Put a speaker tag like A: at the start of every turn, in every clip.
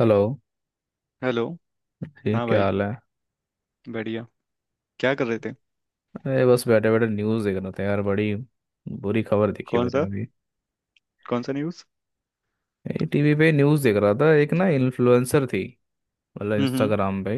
A: Hello
B: hello.
A: जी।
B: हाँ
A: क्या
B: भाई,
A: हाल है?
B: बढ़िया। क्या कर रहे थे?
A: अरे बस बैठे बैठे न्यूज़ देख रहा था यार। बड़ी बुरी खबर देखी
B: कौन
A: मैंने
B: सा?
A: अभी।
B: कौन सा न्यूज़?
A: ये टीवी पे न्यूज़ देख रहा था, एक ना इन्फ्लुएंसर थी, मतलब
B: हम्म।
A: इंस्टाग्राम पे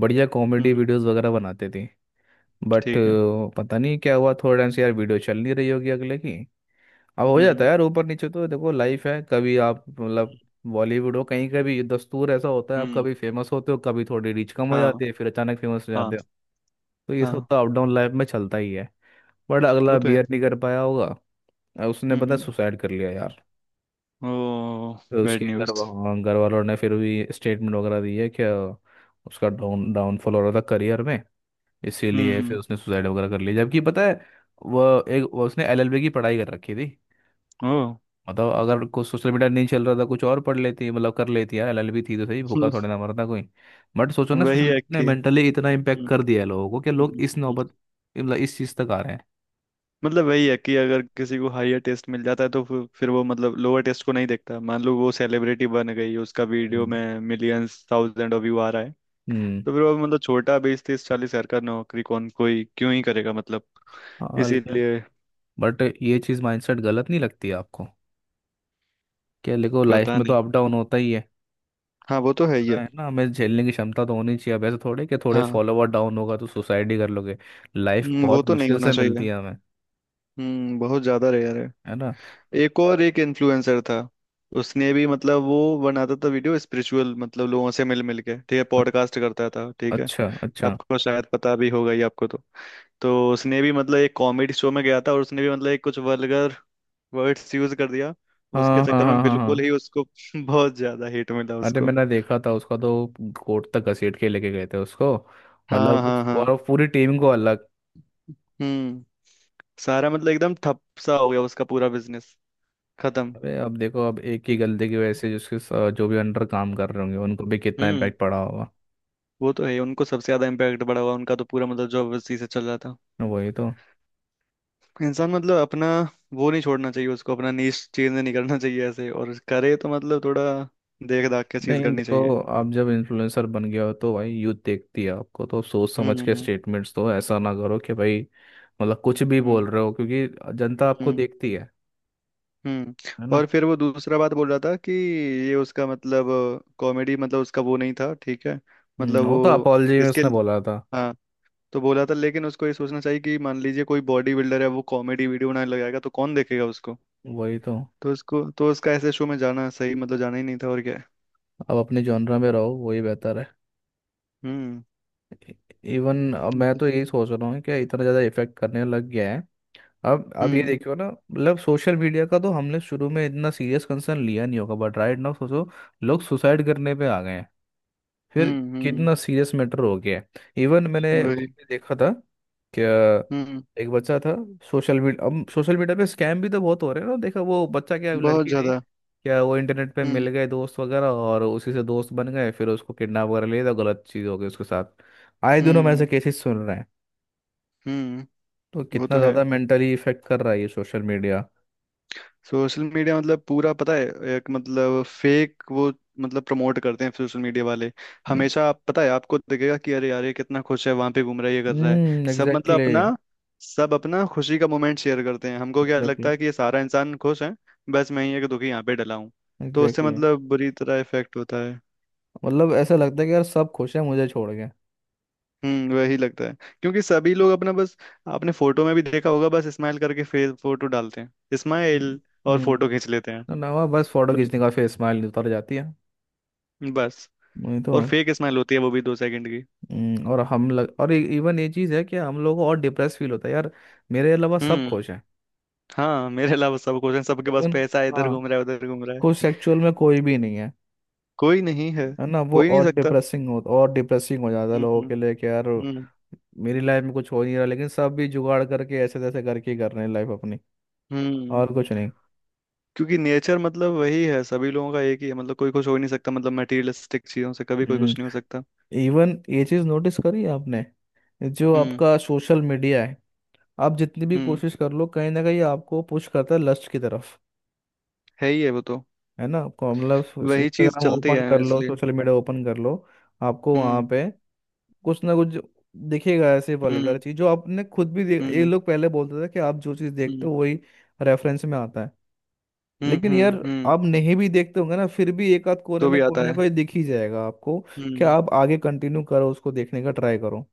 A: बढ़िया
B: हम्म
A: कॉमेडी
B: हम्म,
A: वीडियोस वगैरह बनाती थी। बट
B: ठीक है।
A: पता नहीं क्या हुआ, थोड़े टाइम से यार वीडियो चल नहीं रही होगी अगले की। अब हो जाता
B: हम्म।
A: है यार, ऊपर नीचे तो देखो, लाइफ है। कभी आप मतलब
B: हम्म
A: बॉलीवुड हो कहीं का भी, दस्तूर ऐसा होता है, आप
B: हम्म,
A: कभी फेमस होते हो, कभी थोड़ी रीच कम हो
B: हाँ
A: जाती है, फिर अचानक फेमस हो
B: हाँ
A: जाते हो। तो ये सब
B: हाँ।
A: तो अप डाउन लाइफ में चलता ही है। बट
B: वो
A: अगला
B: तो है।
A: बियर नहीं कर पाया होगा। उसने पता
B: हम्म।
A: सुसाइड कर लिया यार।
B: ओ,
A: तो
B: बैड
A: उसके
B: न्यूज़।
A: हाँ, घर वालों ने फिर भी स्टेटमेंट वगैरह दी है कि उसका डाउनफॉल हो रहा था करियर में, इसीलिए फिर
B: हम्म।
A: उसने सुसाइड वगैरह कर लिया। जबकि पता है वो एक वो उसने एलएलबी की पढ़ाई कर रखी थी।
B: ओ।
A: मतलब अगर कुछ सोशल मीडिया नहीं चल रहा था, कुछ और पढ़ लेती, मतलब कर लेती यार, एलएलबी थी तो सही, भूखा थोड़े ना मरता कोई। बट सोचो ना, सोशल
B: वही है
A: मीडिया ने
B: कि
A: मेंटली इतना इम्पेक्ट
B: हम्म,
A: कर दिया है लोगों को कि लोग
B: हम्म,
A: इस
B: हम्म।
A: नौबत, मतलब इस चीज़ तक आ रहे हैं।
B: मतलब वही है कि अगर किसी को हायर टेस्ट मिल जाता है तो फिर वो, मतलब, लोअर टेस्ट को नहीं देखता। मान लो वो सेलिब्रिटी बन गई, उसका वीडियो
A: हम्म।
B: में मिलियंस थाउजेंड व्यू आ रहा है,
A: हम्म।
B: तो फिर वो मतलब छोटा 20 30 40 हजार का नौकरी कौन, कोई क्यों ही करेगा मतलब,
A: हाँ, लेकिन
B: इसीलिए।
A: बट ये चीज़, माइंडसेट गलत नहीं लगती आपको? क्या, देखो लाइफ
B: पता
A: में तो
B: नहीं।
A: अप डाउन होता ही है।
B: हाँ वो तो है ही
A: पता
B: है।
A: है ना, हमें झेलने की क्षमता तो होनी चाहिए। अब ऐसे थोड़े कि थोड़े
B: हाँ।
A: फॉलोवर डाउन होगा तो सुसाइड ही कर लोगे। लाइफ
B: हम्म, वो
A: बहुत
B: तो नहीं
A: मुश्किल
B: होना
A: से मिलती
B: चाहिए।
A: है हमें।
B: हम्म, बहुत ज्यादा रेयर है।
A: है ना?
B: एक और एक इन्फ्लुएंसर था। उसने भी मतलब वो बनाता था वीडियो स्पिरिचुअल, मतलब लोगों से मिल मिल के, ठीक है,
A: अ-
B: पॉडकास्ट करता था, ठीक है।
A: अच्छा अच्छा।
B: आपको शायद पता भी होगा ही आपको तो। तो उसने भी मतलब एक कॉमेडी शो में गया था और उसने भी मतलब एक कुछ वल्गर वर्ड्स यूज कर दिया। उसके
A: हाँ हाँ
B: चक्कर में
A: हाँ हाँ
B: बिल्कुल
A: हाँ।
B: ही उसको बहुत ज्यादा हिट मिला
A: अरे
B: उसको।
A: मैंने देखा था उसका तो। कोर्ट तक घसीट के लेके गए थे उसको।
B: हाँ
A: मतलब
B: हाँ हाँ।
A: और पूरी टीम को अलग।
B: हम्म, सारा मतलब एकदम ठप सा हो गया उसका पूरा बिजनेस, खत्म।
A: अरे अब देखो, अब एक ही गलती की वजह से जो भी अंडर काम कर रहे होंगे उनको भी कितना
B: हम्म
A: इम्पैक्ट पड़ा होगा।
B: वो तो है ही, उनको सबसे ज्यादा इम्पैक्ट पड़ा हुआ, उनका तो पूरा मतलब जॉब उसी से चल रहा था।
A: वही तो।
B: इंसान मतलब अपना वो नहीं छोड़ना चाहिए, उसको अपना नीश चेंज नहीं करना चाहिए ऐसे, और करे तो मतलब थोड़ा देख दाख के चीज
A: नहीं
B: करनी
A: देखो,
B: चाहिए।
A: आप जब इन्फ्लुएंसर बन गया हो तो भाई, यूथ देखती है आपको, तो सोच
B: हम्म
A: समझ के
B: हम्म
A: स्टेटमेंट्स दो। ऐसा ना करो कि भाई मतलब कुछ भी
B: हम्म
A: बोल रहे हो, क्योंकि जनता आपको
B: हम्म
A: देखती है।
B: हम्म, हम्म।
A: है ना?
B: और फिर वो दूसरा बात बोल रहा था कि ये उसका मतलब कॉमेडी मतलब उसका वो नहीं था, ठीक है। मतलब
A: वो तो
B: वो
A: अपॉलजी में
B: इसके
A: उसने बोला था।
B: हाँ, तो बोला था। लेकिन उसको ये सोचना चाहिए कि मान लीजिए कोई बॉडी बिल्डर है, वो कॉमेडी वीडियो बनाने लगाएगा तो कौन देखेगा उसको।
A: वही तो।
B: तो उसको तो उसका ऐसे शो में जाना सही, मतलब जाना ही नहीं था और क्या है।
A: अब अपने जॉनरा में रहो, वही बेहतर है।
B: हम्म
A: इवन अब
B: हम्म
A: मैं
B: मतलब-
A: तो यही सोच रहा हूँ कि इतना ज़्यादा इफेक्ट करने लग गया है। अब ये
B: हम्म
A: देखियो ना, मतलब सोशल मीडिया का तो हमने शुरू में इतना सीरियस कंसर्न लिया नहीं होगा, बट राइट नाउ सोचो, लोग सुसाइड करने पे आ गए हैं। फिर
B: हम्म।
A: कितना सीरियस मैटर हो गया है। इवन मैंने वो
B: वही।
A: भी देखा था, क्या,
B: हम्म,
A: एक बच्चा था। सोशल मीडिया, अब सोशल मीडिया पे स्कैम भी तो बहुत हो रहे हैं ना। देखा, वो बच्चा क्या
B: बहुत
A: लड़की थी
B: ज्यादा।
A: क्या, वो इंटरनेट पे
B: हम्म
A: मिल गए दोस्त वगैरह, और उसी से दोस्त बन गए, फिर उसको किडनैप वगैरह ले था, गलत चीज़ हो गई उसके साथ। आए दिनों हम ऐसे
B: हम्म।
A: केसेस सुन रहे हैं।
B: हम्म
A: तो
B: वो
A: कितना
B: तो है।
A: ज़्यादा मेंटली इफेक्ट कर रहा है ये सोशल मीडिया।
B: सोशल मीडिया मतलब पूरा पता है। एक मतलब फेक वो, मतलब प्रमोट करते हैं सोशल मीडिया वाले
A: हम्म।
B: हमेशा। आप पता है आपको दिखेगा कि अरे यार ये कितना खुश है, वहां पे घूम रहा है, ये कर रहा है। सब मतलब
A: एग्जैक्टली।
B: अपना, सब अपना खुशी का मोमेंट शेयर करते हैं, हमको क्या लगता
A: एग्जैक्टली।
B: है कि ये सारा इंसान खुश है, बस मैं ही एक दुखी यहाँ पे डला हूँ। तो उससे
A: एग्जैक्टली।
B: मतलब बुरी तरह इफेक्ट होता है।
A: मतलब ऐसा लगता है कि यार सब खुश है, मुझे छोड़ के।
B: हम्म, वही लगता है। क्योंकि सभी लोग अपना बस, आपने फोटो में भी देखा होगा बस स्माइल करके फेस, फोटो डालते हैं
A: हम्म।
B: स्माइल और फोटो
A: हम्म।
B: खींच लेते हैं।
A: नवा बस फोटो
B: तो
A: खींचने का, फिर स्माइल उतर जाती है।
B: बस,
A: नहीं तो।
B: और फेक स्माइल होती है वो भी 2 सेकंड की।
A: और हम लग और इवन ये चीज़ है कि हम लोगों को और डिप्रेस फील होता है यार, मेरे अलावा सब
B: हम्म।
A: खुश हैं।
B: हाँ मेरे अलावा सब कुछ है, सबके पास
A: लेकिन,
B: पैसा है, इधर
A: हाँ,
B: घूम रहा है, उधर घूम रहा है।
A: खुश एक्चुअल में कोई भी नहीं है।
B: कोई नहीं है।
A: है ना? वो
B: हो ही नहीं
A: और
B: सकता।
A: डिप्रेसिंग, हो और डिप्रेसिंग हो जाता है
B: हम्म
A: लोगों
B: हम्म
A: के लिए कि यार
B: हम्म
A: मेरी लाइफ में कुछ हो नहीं रहा, लेकिन सब भी जुगाड़ करके ऐसे तैसे करके ही कर रहे हैं लाइफ अपनी,
B: हम्म।
A: और कुछ नहीं।
B: क्योंकि नेचर मतलब वही है, सभी लोगों का एक ही है, मतलब कोई कुछ हो ही नहीं सकता, मतलब मटेरियलिस्टिक चीजों से कभी कोई
A: हम्म।
B: कुछ नहीं हो सकता।
A: इवन ये चीज़ नोटिस करी है आपने, जो
B: हम्म
A: आपका सोशल मीडिया है, आप जितनी भी
B: हम्म,
A: कोशिश कर लो, कहीं ना कहीं आपको पुश करता है लस्ट की तरफ।
B: है ही है वो तो।
A: है ना? आपको मतलब
B: वही चीज
A: इंस्टाग्राम
B: चलती
A: ओपन
B: है
A: कर लो,
B: इसलिए।
A: सोशल मीडिया ओपन कर लो, आपको वहाँ
B: हम्म
A: पे कुछ ना कुछ दिखेगा ऐसे
B: हम्म
A: वल्गर चीज, जो आपने खुद भी देख, ये
B: हम्म
A: लोग पहले बोलते थे कि आप जो चीज़ देखते
B: हम्म
A: हो वही रेफरेंस में आता है,
B: हम्म
A: लेकिन
B: हम्म
A: यार
B: हम्म,
A: आप नहीं भी देखते होंगे ना, फिर भी एक आध कोने
B: तो
A: में
B: भी आता
A: कोई ना
B: है।
A: कोई दिख ही जाएगा आपको, कि
B: हम्म।
A: आप आगे कंटिन्यू करो, उसको देखने का ट्राई करो।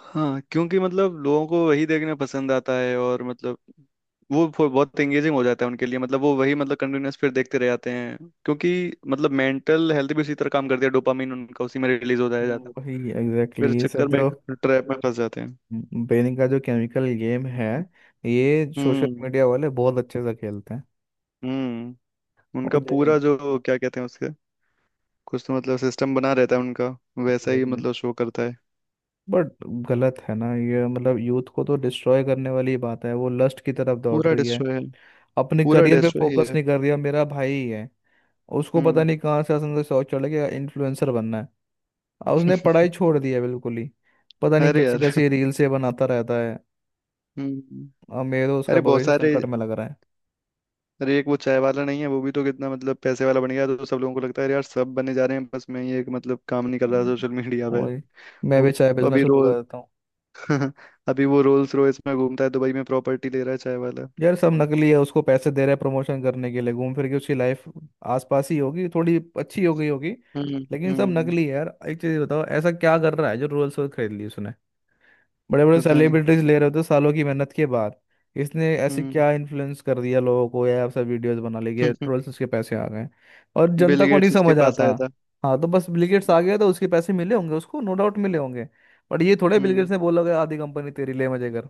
B: हाँ क्योंकि मतलब लोगों को वही देखना पसंद आता है और मतलब वो बहुत एंगेजिंग हो जाता है उनके लिए, मतलब वो वही मतलब कंटिन्यूअस फिर देखते रह जाते हैं। क्योंकि मतलब मेंटल हेल्थ भी उसी तरह काम करती है, डोपामिन उनका उसी में रिलीज होता है, जाता है।
A: वही, एग्जैक्टली
B: फिर इस
A: exactly, ये सब
B: चक्कर में
A: जो
B: एक ट्रैप में फंस जाते हैं।
A: ब्रेन का जो केमिकल गेम है, ये सोशल
B: हम्म
A: मीडिया वाले बहुत अच्छे से खेलते हैं।
B: हम्म।
A: और
B: उनका पूरा जो क्या कहते हैं उसके कुछ तो मतलब सिस्टम बना रहता है उनका, वैसा ही मतलब शो करता है।
A: बट गलत है ना ये, मतलब यूथ को तो डिस्ट्रॉय करने वाली ही बात है, वो लस्ट की तरफ दौड़
B: पूरा
A: रही है,
B: डिस्ट्रॉय है।
A: अपने
B: पूरा
A: करियर पे
B: डिस्ट्रॉय ही
A: फोकस
B: है।
A: नहीं कर रही है। मेरा भाई ही है, उसको पता
B: हम्म
A: नहीं कहाँ से असन से शौक चढ़ गया, इन्फ्लुएंसर बनना है, और उसने पढ़ाई छोड़ दी है बिल्कुल ही। पता नहीं
B: अरे
A: कैसी
B: यार।
A: कैसी रील से बनाता रहता है,
B: हम्म।
A: और मेरे तो उसका
B: अरे बहुत
A: भविष्य
B: सारे,
A: संकट में लग रहा है।
B: अरे एक वो चाय वाला नहीं है वो भी तो कितना मतलब पैसे वाला बन गया, तो सब लोगों को लगता है यार सब बने जा रहे हैं बस मैं ही एक मतलब काम नहीं कर रहा
A: हम्म।
B: सोशल मीडिया पे।
A: वही, मैं
B: वो
A: भी चाय बेचना
B: अभी
A: शुरू
B: रोल
A: कर देता हूँ।
B: अभी वो रोल्स रॉयस में घूमता है दुबई में, प्रॉपर्टी ले रहा है चाय वाला।
A: यार सब नकली है, उसको पैसे दे रहे हैं प्रमोशन करने के लिए। घूम फिर के उसकी लाइफ आसपास ही होगी, थोड़ी अच्छी हो गई होगी,
B: हम्म
A: लेकिन सब
B: हम्म,
A: नकली है यार। एक चीज बताओ, ऐसा क्या कर रहा है जो रोल्स रॉयस खरीद ली उसने? बड़े बड़े
B: पता नहीं।
A: सेलिब्रिटीज ले रहे होते सालों की मेहनत के बाद, इसने ऐसे
B: हम्म
A: क्या इन्फ्लुएंस कर दिया लोगों को? या सब वीडियोस बना ली, गए रोल्स, उसके पैसे आ गए। और
B: बिल
A: जनता को नहीं
B: गेट्स उसके
A: समझ
B: पास
A: आता।
B: आया था।
A: हाँ तो बस, बिल गेट्स आ गया तो उसके पैसे मिले होंगे उसको, नो डाउट मिले होंगे। बट ये थोड़े बिल
B: हम्म
A: गेट्स ने बोला होगा आधी कंपनी तेरी ले, मजे कर।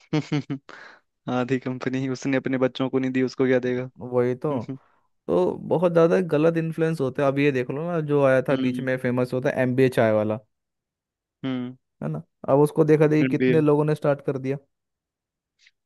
B: आधी कंपनी उसने अपने बच्चों को नहीं दी उसको क्या देगा।
A: वही तो।
B: हम्म।
A: तो बहुत ज्यादा गलत इन्फ्लुएंस होते हैं। अब ये देख लो ना, जो आया था बीच
B: हम्म
A: में फेमस होता है, एमबीए चाय वाला। है ना? अब उसको देखा देखी
B: भी
A: कितने
B: है।
A: लोगों ने स्टार्ट कर दिया।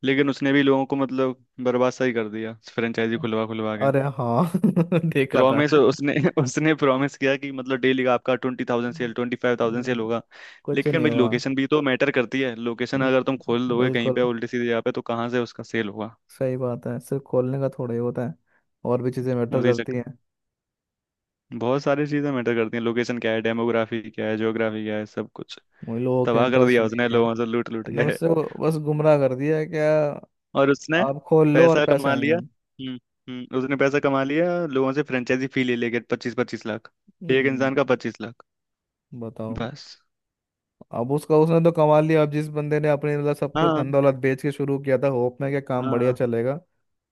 B: लेकिन उसने भी लोगों को मतलब बर्बाद सा ही कर दिया फ्रेंचाइजी खुलवा खुलवा के।
A: अरे हाँ, देखा था।
B: प्रॉमिस उसने उसने प्रॉमिस किया कि मतलब डेली का आपका 20,000 सेल, 25,000 सेल
A: हम्म,
B: होगा।
A: कुछ
B: लेकिन
A: नहीं
B: भाई
A: हुआ।
B: लोकेशन भी तो मैटर करती है। लोकेशन
A: हम्म,
B: अगर तुम खोल दोगे कहीं पे
A: बिल्कुल,
B: उल्टी सीधी जगह पे तो कहाँ से उसका सेल होगा।
A: सही बात है, सिर्फ खोलने का थोड़ा ही होता है, और भी चीजें मैटर
B: उसी
A: करती
B: चक्कर,
A: हैं।
B: बहुत सारी चीजें मैटर करती हैं, लोकेशन क्या है, डेमोग्राफी क्या है, ज्योग्राफी क्या है, सब कुछ
A: वही, लोगों के
B: तबाह कर
A: इंटरेस्ट
B: दिया
A: भी
B: उसने
A: है,
B: लोगों से लूट लूट
A: मतलब
B: के।
A: उससे वो बस गुमराह कर दिया है क्या,
B: और उसने
A: आप खोल लो और
B: पैसा
A: पैसे
B: कमा
A: आएंगे।
B: लिया। हम्म, उसने पैसा कमा लिया लोगों से, फ्रेंचाइजी फी ले लेके 25 25 लाख। एक
A: हम्म,
B: इंसान का 25 लाख।
A: बताओ।
B: बस।
A: अब उसका, उसने तो कमा लिया, अब जिस बंदे ने अपने मतलब सब कुछ
B: हाँ
A: धन दौलत बेच के शुरू किया था होप में कि काम बढ़िया
B: हाँ
A: चलेगा,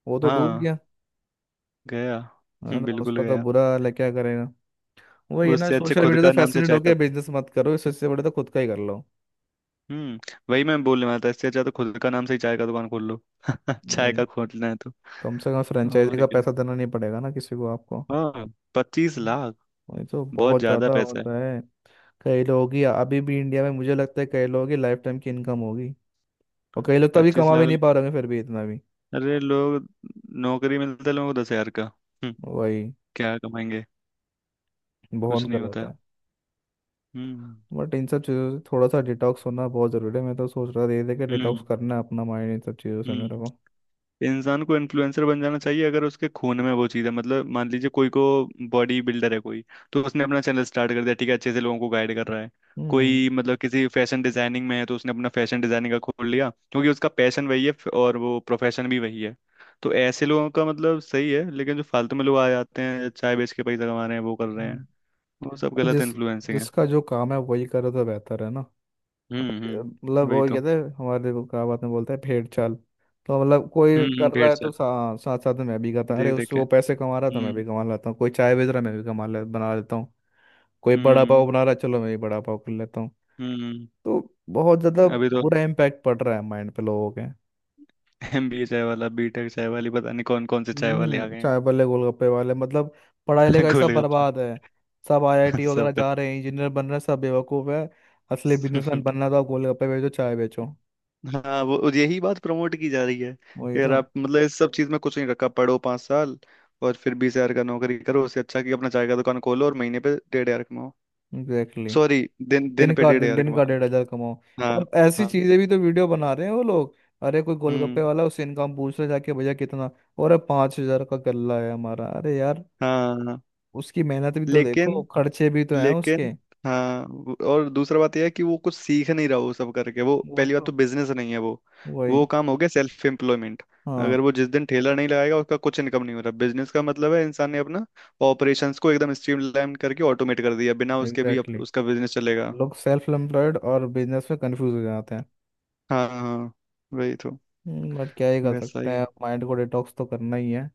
A: वो तो डूब
B: हाँ,
A: गया।
B: गया।
A: है ना?
B: बिल्कुल
A: उसका तो
B: गया।
A: बुरा हाल है, क्या करेगा? वही है ना,
B: उससे अच्छे
A: सोशल
B: खुद
A: मीडिया से
B: का नाम से
A: फैसिनेट
B: चाय का।
A: होकर बिजनेस मत करो, इससे इससे बड़े तो खुद का ही कर लो।
B: हम्म, वही मैं बोलने वाला था, इससे अच्छा तो खुद का नाम से ही चाय का दुकान खोल लो चाय
A: वही,
B: का खोलना है तो।
A: कम से कम फ्रेंचाइजी
B: और
A: का
B: क्या,
A: पैसा देना नहीं पड़ेगा ना किसी को आपको।
B: हाँ। 25 लाख
A: वही तो,
B: बहुत
A: बहुत
B: ज्यादा
A: ज्यादा
B: पैसा है।
A: होता है। कई लोगों की, अभी भी इंडिया में मुझे लगता है कई लोगों की लाइफ टाइम की इनकम होगी, और कई लोग तो अभी
B: पच्चीस
A: कमा भी
B: लाख।
A: नहीं पा रहे होंगे फिर भी इतना भी।
B: अरे लोग, नौकरी मिलता है लोगों को 10 हजार का।
A: वही,
B: क्या कमाएंगे। कुछ
A: बहुत
B: नहीं
A: गलत
B: होता।
A: है।
B: हम्म
A: बट इन सब चीज़ों से थोड़ा सा डिटॉक्स होना बहुत ज़रूरी है। मैं तो सोच रहा धीरे धीरे के
B: हम्म
A: डिटॉक्स करना है अपना माइंड इन सब चीज़ों से मेरे को।
B: हम्म। इंसान को इन्फ्लुएंसर बन जाना चाहिए अगर उसके खून में वो चीज़ है, मतलब मान लीजिए कोई को बॉडी बिल्डर है कोई, तो उसने अपना चैनल स्टार्ट कर दिया, ठीक है, अच्छे से लोगों को गाइड कर रहा है।
A: हम्म।
B: कोई मतलब किसी फैशन डिजाइनिंग में है तो उसने अपना फैशन डिजाइनिंग का खोल लिया क्योंकि उसका पैशन वही है और वो प्रोफेशन भी वही है। तो ऐसे लोगों का मतलब सही है, लेकिन जो फालतू में लोग आ जाते हैं चाय बेच के पैसा कमा रहे हैं वो कर रहे हैं,
A: हम्म।
B: वो सब
A: तो
B: गलत इन्फ्लुएंसिंग है।
A: जिसका जो काम है वही करे तो बेहतर है ना। मतलब
B: हम्म, वही
A: वो
B: तो।
A: कहते हैं हमारे वो, क्या बात में बोलते हैं, भेड़ चाल। तो मतलब कोई कर रहा
B: भेड़
A: है तो
B: चाल,
A: साथ साथ में मैं भी करता हूँ, अरे
B: देख देख
A: उससे
B: के।
A: वो पैसे कमा रहा था मैं
B: हम्म
A: भी कमा लेता हूँ, कोई चाय बेच रहा है मैं भी कमा ले बना लेता हूँ, कोई बड़ा पाव
B: हम्म
A: बना रहा है चलो मैं भी बड़ा पाव कर लेता हूँ।
B: हम्म।
A: तो बहुत ज़्यादा
B: अभी तो
A: बुरा इम्पैक्ट पड़ रहा है माइंड पे लोगों के।
B: एम बी ए चाय वाला, बी टेक चाय वाली, पता नहीं कौन कौन से चाय वाले आ
A: हम्म,
B: गए हैं।
A: चाय वाले, गोलगप्पे वाले, मतलब पढ़ाई लिखाई सब
B: गोलगप्पे।
A: बर्बाद है। सब आईआईटी वगैरह
B: सब
A: जा रहे हैं, इंजीनियर बन रहे हैं, सब बेवकूफ है। असली बिजनेसमैन
B: खत्म।
A: बनना तो आप गोलगप्पे बेचो, चाय बेचो।
B: हाँ वो, और यही बात प्रमोट की जा रही है कि
A: वही
B: अगर
A: तो,
B: आप मतलब इस सब चीज में कुछ नहीं रखा, पढ़ो 5 साल और फिर 20 हजार का नौकरी करो, उससे अच्छा कि अपना चाय का दुकान खोलो और महीने पे 1500 कमाओ।
A: Exactly
B: sorry,
A: exactly.
B: दिन दिन
A: दिन
B: पे
A: का,
B: डेढ़
A: दिन
B: हजार
A: दिन का
B: कमाओ।
A: 1,500 कमाओ।
B: हाँ
A: और ऐसी
B: हाँ।
A: चीजें भी तो वीडियो बना रहे हैं वो लोग। अरे कोई गोलगप्पे
B: हम्म।
A: वाला, उससे इनकम पूछ रहे जाके, भैया कितना, और 5,000 का गल्ला है हमारा। अरे यार,
B: हाँ हाँ, हाँ।
A: उसकी मेहनत भी तो देखो,
B: लेकिन
A: खर्चे भी तो हैं
B: लेकिन
A: उसके।
B: हाँ और दूसरा बात यह है कि वो कुछ सीख नहीं रहा वो सब करके। वो
A: वही
B: पहली बात
A: तो।
B: तो बिजनेस नहीं है वो
A: वही।
B: वो काम हो गया सेल्फ एम्प्लॉयमेंट।
A: हाँ,
B: अगर वो जिस दिन ठेला नहीं लगाएगा उसका कुछ इनकम नहीं हो रहा। बिजनेस का मतलब है इंसान ने अपना ऑपरेशंस को एकदम स्ट्रीमलाइन करके ऑटोमेट कर दिया, बिना उसके भी
A: एग्जैक्टली।
B: उसका बिजनेस चलेगा।
A: लोग सेल्फ एम्प्लॉयड और बिजनेस में कंफ्यूज हो जाते हैं।
B: हाँ हाँ, वही तो।
A: बट क्या ही कर
B: वैसा
A: सकते
B: ही है।
A: हैं, माइंड को डिटॉक्स तो करना ही है।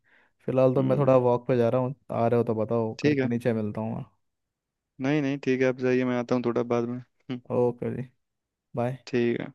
A: फिलहाल तो मैं थोड़ा
B: हम्म,
A: वॉक पे जा रहा हूँ, आ रहे हो तो बताओ, घर
B: ठीक
A: के
B: है।
A: नीचे मिलता हूँ मैं।
B: नहीं नहीं ठीक है, आप जाइए मैं आता हूँ थोड़ा बाद में।
A: ओके जी, बाय।
B: ठीक है।